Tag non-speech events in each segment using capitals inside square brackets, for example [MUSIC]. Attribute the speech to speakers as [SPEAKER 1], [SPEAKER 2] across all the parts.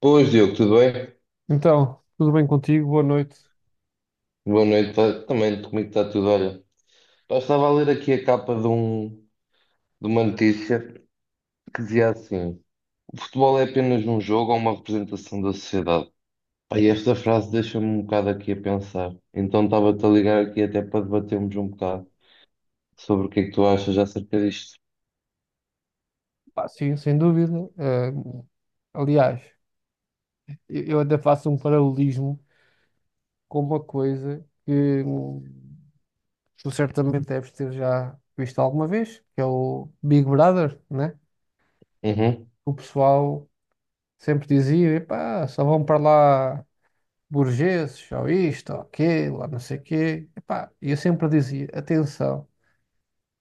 [SPEAKER 1] Pois Diogo, tudo bem?
[SPEAKER 2] Então, tudo bem contigo? Boa noite.
[SPEAKER 1] Boa noite, também comigo está tudo. Olha, eu estava a ler aqui a capa de uma notícia que dizia assim: o futebol é apenas um jogo ou uma representação da sociedade. Pá, e esta frase deixa-me um bocado aqui a pensar. Então estava-te a ligar aqui até para debatermos um bocado sobre o que é que tu achas acerca disto.
[SPEAKER 2] Pá, sim, sem dúvida. Aliás, eu até faço um paralelismo com uma coisa que tu certamente deves ter já visto alguma vez, que é o Big Brother, né?
[SPEAKER 1] Uhum.
[SPEAKER 2] O pessoal sempre dizia, epá, só vão para lá burgueses, ou isto, ou aquilo, ou não sei o quê. Epá, e eu sempre dizia, atenção,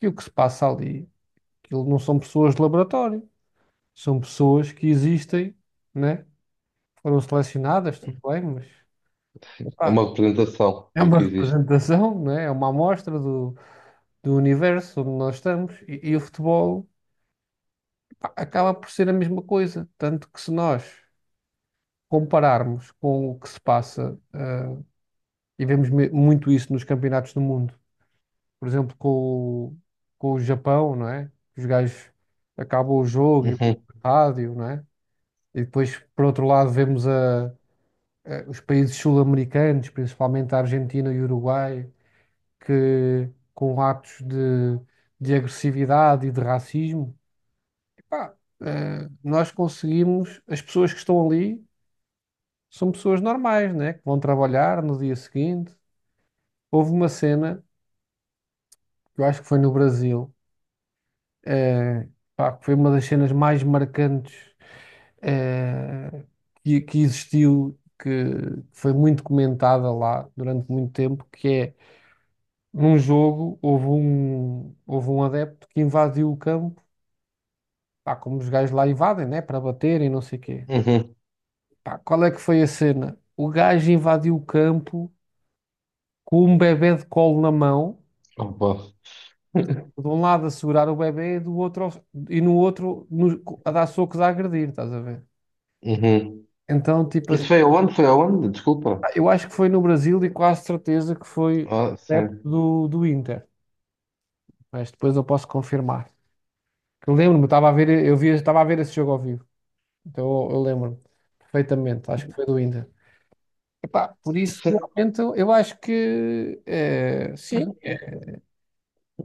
[SPEAKER 2] que o que se passa ali, aquilo não são pessoas de laboratório, são pessoas que existem, né? Foram selecionadas, tudo bem, mas
[SPEAKER 1] É
[SPEAKER 2] epá,
[SPEAKER 1] uma representação
[SPEAKER 2] é
[SPEAKER 1] do
[SPEAKER 2] uma
[SPEAKER 1] que existe.
[SPEAKER 2] representação, não é? É uma amostra do, do universo onde nós estamos e o futebol, pá, acaba por ser a mesma coisa. Tanto que se nós compararmos com o que se passa, e vemos muito isso nos campeonatos do mundo, por exemplo, com, com o Japão, não é? Os gajos acabam o jogo e vão
[SPEAKER 1] Uhum.
[SPEAKER 2] para o rádio, não é? E depois, por outro lado, vemos os países sul-americanos, principalmente a Argentina e o Uruguai, que com atos de agressividade e de racismo, epá, nós conseguimos, as pessoas que estão ali são pessoas normais, né? Que vão trabalhar no dia seguinte. Houve uma cena, que eu acho que foi no Brasil, eh, pá, que foi uma das cenas mais marcantes, eh, que existiu, que foi muito comentada lá durante muito tempo, que é num jogo houve um adepto que invadiu o campo. Pá, como os gajos lá invadem, né? Para baterem, não sei o quê.
[SPEAKER 1] Uhum.
[SPEAKER 2] Pá, qual é que foi a cena? O gajo invadiu o campo com um bebé de colo na mão,
[SPEAKER 1] Opa.
[SPEAKER 2] de um lado a segurar o bebé e do outro e no outro a dar socos, a agredir, estás a ver?
[SPEAKER 1] Uhum.
[SPEAKER 2] Então, tipo,
[SPEAKER 1] Isso
[SPEAKER 2] assim,
[SPEAKER 1] foi aonde? Foi aonde? Desculpa.
[SPEAKER 2] pá, eu acho que foi no Brasil e quase certeza que foi
[SPEAKER 1] Ah,
[SPEAKER 2] adepto
[SPEAKER 1] sim.
[SPEAKER 2] do, do Inter, mas depois eu posso confirmar. Que eu lembro-me, estava a ver, eu via, estava a ver esse jogo ao vivo, então eu lembro-me perfeitamente, acho que foi do Inter. Epá, por isso, realmente, eu acho que sim,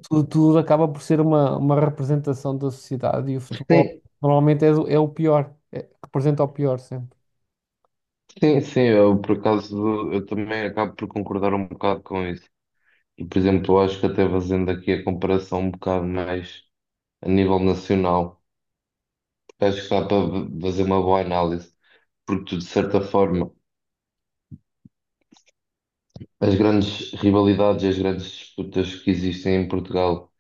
[SPEAKER 2] tudo, tudo acaba por ser uma representação da sociedade e o futebol
[SPEAKER 1] Sim,
[SPEAKER 2] normalmente é, é o pior, representa o pior sempre.
[SPEAKER 1] sim, sim, eu por acaso eu também acabo por concordar um bocado com isso. E, por exemplo, eu acho que até fazendo aqui a comparação um bocado mais a nível nacional, porque acho que dá para fazer uma boa análise, porque tu, de certa forma, as grandes rivalidades e as grandes disputas que existem em Portugal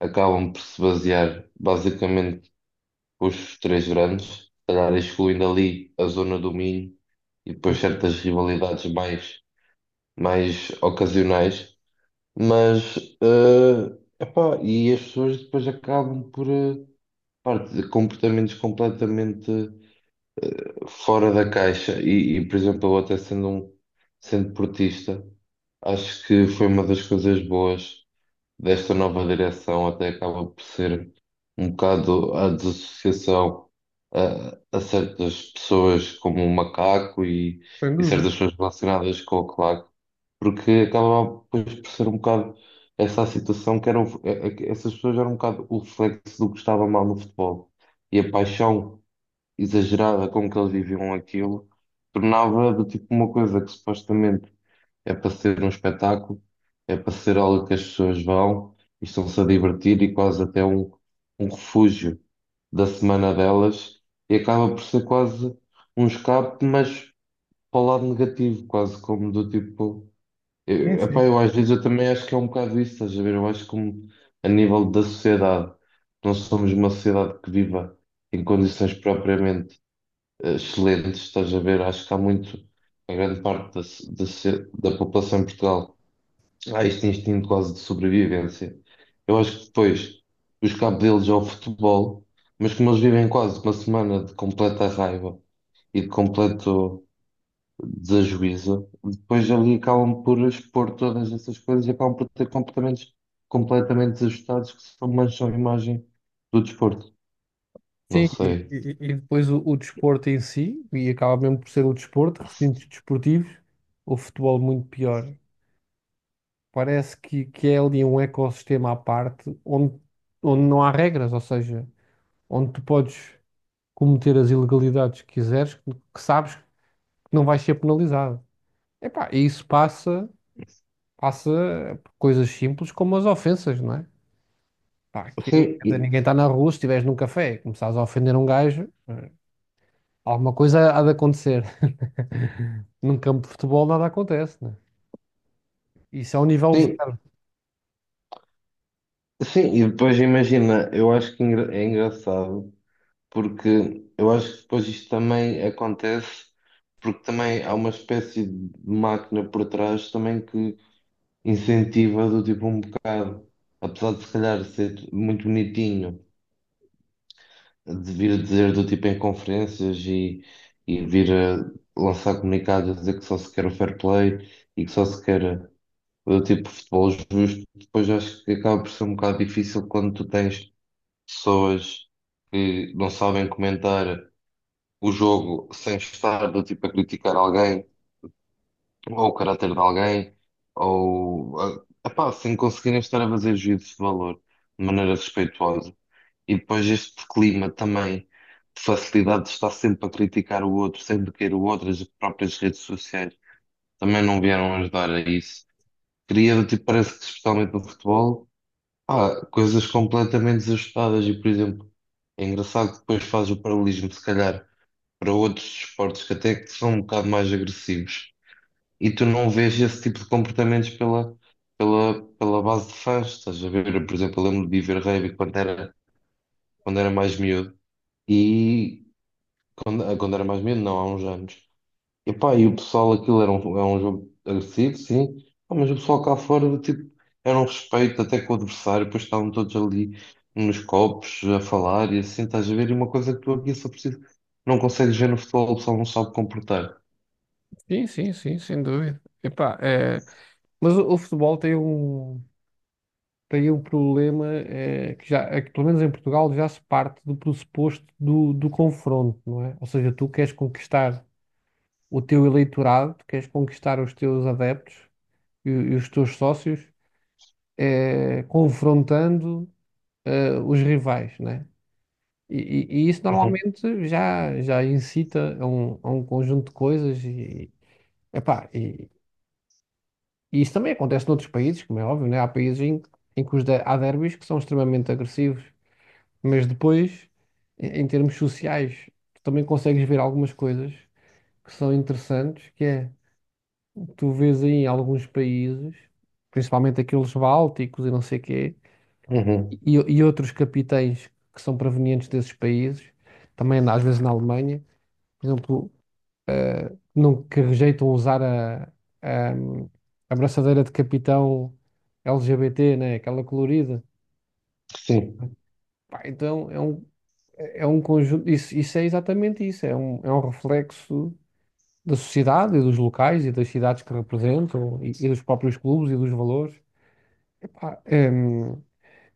[SPEAKER 1] acabam por se basear basicamente com os três grandes, se calhar excluindo ali a zona do Minho e depois certas mais ocasionais. Mas, epá, e as pessoas depois acabam por, pá, de comportamentos completamente fora da caixa. E, por exemplo, eu até sendo um, sendo portista, acho que foi uma das coisas boas desta nova direção até acaba por ser um bocado a desassociação a certas pessoas como o macaco
[SPEAKER 2] Sem
[SPEAKER 1] e
[SPEAKER 2] dúvida.
[SPEAKER 1] certas pessoas relacionadas com o claque, porque acaba pois, por ser um bocado essa a situação que eram é- é que essas pessoas eram um bocado o reflexo do que estava mal no futebol e a paixão exagerada com que eles viviam aquilo tornava do tipo uma coisa que supostamente é para ser um espetáculo, é para ser algo que as pessoas vão e estão-se a divertir e um refúgio da semana delas e acaba por ser quase um escape, mas para o lado negativo, quase como do tipo.
[SPEAKER 2] Sim,
[SPEAKER 1] Eu,
[SPEAKER 2] sim.
[SPEAKER 1] epá, eu às vezes eu também acho que é um bocado isso, estás a ver? Eu acho como a nível da sociedade, nós somos uma sociedade que viva em condições propriamente excelentes, estás a ver? Acho que há muito, a grande parte da população em Portugal há este instinto quase de sobrevivência. Eu acho que depois os cabos deles ao futebol, mas como eles vivem quase uma semana de completa raiva e de completo desajuízo, depois ali acabam por expor todas essas coisas e acabam por ter comportamentos completamente desajustados que só mancham a imagem do desporto. Não
[SPEAKER 2] Sim,
[SPEAKER 1] sei.
[SPEAKER 2] e depois o desporto em si, e acaba mesmo por ser o desporto, recintos desportivos, o futebol muito pior. Parece que é ali um ecossistema à parte onde, onde não há regras, ou seja, onde tu podes cometer as ilegalidades que quiseres, que sabes que não vais ser penalizado. Epá, e isso passa, passa por coisas simples como as ofensas, não é? Pá, aquilo,
[SPEAKER 1] Sim,
[SPEAKER 2] quer dizer,
[SPEAKER 1] e-
[SPEAKER 2] ninguém está na rua, se estiveres num café e começares a ofender um gajo, alguma coisa há de acontecer. [LAUGHS] Num campo de futebol nada acontece, né? Isso é um nível de
[SPEAKER 1] sim,
[SPEAKER 2] zero.
[SPEAKER 1] sim. E depois imagina, eu acho é engraçado. Porque eu acho que depois isto também acontece, porque também há uma espécie de máquina por trás também que incentiva do tipo um bocado, apesar de se calhar ser muito bonitinho, de vir dizer do tipo em conferências e vir a lançar comunicados a dizer que só se quer o fair play e que só se quer do tipo futebol justo, depois acho que acaba por ser um bocado difícil quando tu tens pessoas que não sabem comentar o jogo sem estar do tipo a criticar alguém, ou o caráter de alguém, ou epá, sem conseguirem estar a fazer juízo de valor de maneira respeitosa. E depois este clima também de facilidade de estar sempre a criticar o outro, sempre querer o outro, as próprias redes sociais também não vieram ajudar a isso. Cria, do tipo, parece que especialmente no futebol, há coisas completamente desajustadas e, por exemplo, é engraçado que depois faz o paralelismo, se calhar para outros esportes que até que são um bocado mais agressivos. E tu não vês esse tipo de comportamentos pela base de fãs. Estás a ver, por exemplo, eu lembro de ir ver rugby quando era mais miúdo. E quando era mais miúdo, não, há uns anos. E pá, e o pessoal, é um jogo agressivo, sim. Pá, mas o pessoal cá fora, tipo, era um respeito até com o adversário. Depois estavam todos ali nos copos a falar e assim, estás a ver? E uma coisa que tu aqui só precisas, não consegues ver no futebol, o pessoal não sabe comportar.
[SPEAKER 2] Sim, sim, sim, sem dúvida. Epá, é... Mas o futebol tem um. Tem um problema é que já, é que, pelo menos em Portugal, já se parte do pressuposto do, do confronto, não é? Ou seja, tu queres conquistar o teu eleitorado, tu queres conquistar os teus adeptos e os teus sócios, confrontando, os rivais, né? E, e isso
[SPEAKER 1] Uhum,
[SPEAKER 2] normalmente já, já incita a um conjunto de coisas e, epá, e isso também acontece noutros países, como é óbvio, né? Há países em, em que os há derbys que são extremamente agressivos. Mas depois, em em termos sociais, tu também consegues ver algumas coisas que são interessantes, que é, tu vês aí em alguns países, principalmente aqueles bálticos e não sei quê,
[SPEAKER 1] uhum,
[SPEAKER 2] e outros capitães que são provenientes desses países, também às vezes na Alemanha, por exemplo, não, que rejeitam usar a, a braçadeira de capitão LGBT, né, aquela colorida.
[SPEAKER 1] sim,
[SPEAKER 2] Pá, então é um conjunto, isso é exatamente isso, é um reflexo da sociedade e dos locais e das cidades que representam e dos próprios clubes e dos valores. Epá, é,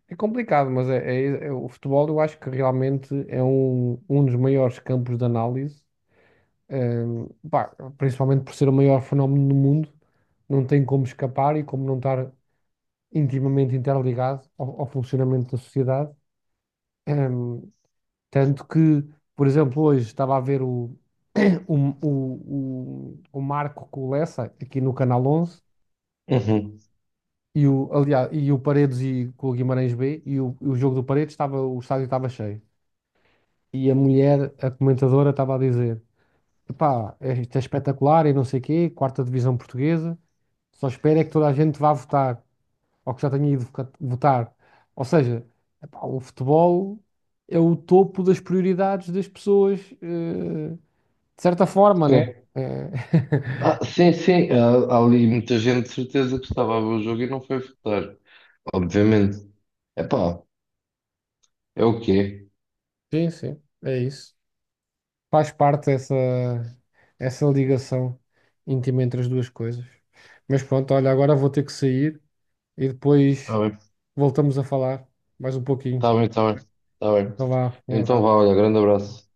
[SPEAKER 2] é complicado, mas é, o futebol eu acho que realmente é um, um dos maiores campos de análise, é, pá, principalmente por ser o maior fenómeno do mundo, não tem como escapar e como não estar intimamente interligado ao, ao funcionamento da sociedade. É, tanto que, por exemplo, hoje estava a ver o, [COUGHS] [CLEARS THROAT] o, o Marco com o Lessa aqui no Canal 11.
[SPEAKER 1] uhum,
[SPEAKER 2] E o, aliás, e o Paredes e com o Guimarães B e o jogo do Paredes estava, o estádio estava cheio. E a mulher, a comentadora, estava a dizer: "Epá, isto é espetacular e não sei quê, quarta divisão portuguesa. Só espero é que toda a gente vá votar, ou que já tenha ido votar." Ou seja, epá, o futebol é o topo das prioridades das pessoas, de certa forma, né?
[SPEAKER 1] sim.
[SPEAKER 2] É...
[SPEAKER 1] Ah,
[SPEAKER 2] [LAUGHS]
[SPEAKER 1] sim, sim, há, há ali muita gente de certeza que estava a ver o jogo e não foi votar, obviamente. Epá, é o quê?
[SPEAKER 2] Sim, sim, é isso. Faz parte essa, essa ligação íntima entre as duas coisas. Mas pronto, olha, agora vou ter que sair e
[SPEAKER 1] Está
[SPEAKER 2] depois
[SPEAKER 1] bem,
[SPEAKER 2] voltamos a falar mais um
[SPEAKER 1] está
[SPEAKER 2] pouquinho.
[SPEAKER 1] bem, está bem, está bem.
[SPEAKER 2] Então vá, um
[SPEAKER 1] Então vá,
[SPEAKER 2] abraço.
[SPEAKER 1] olha, grande abraço.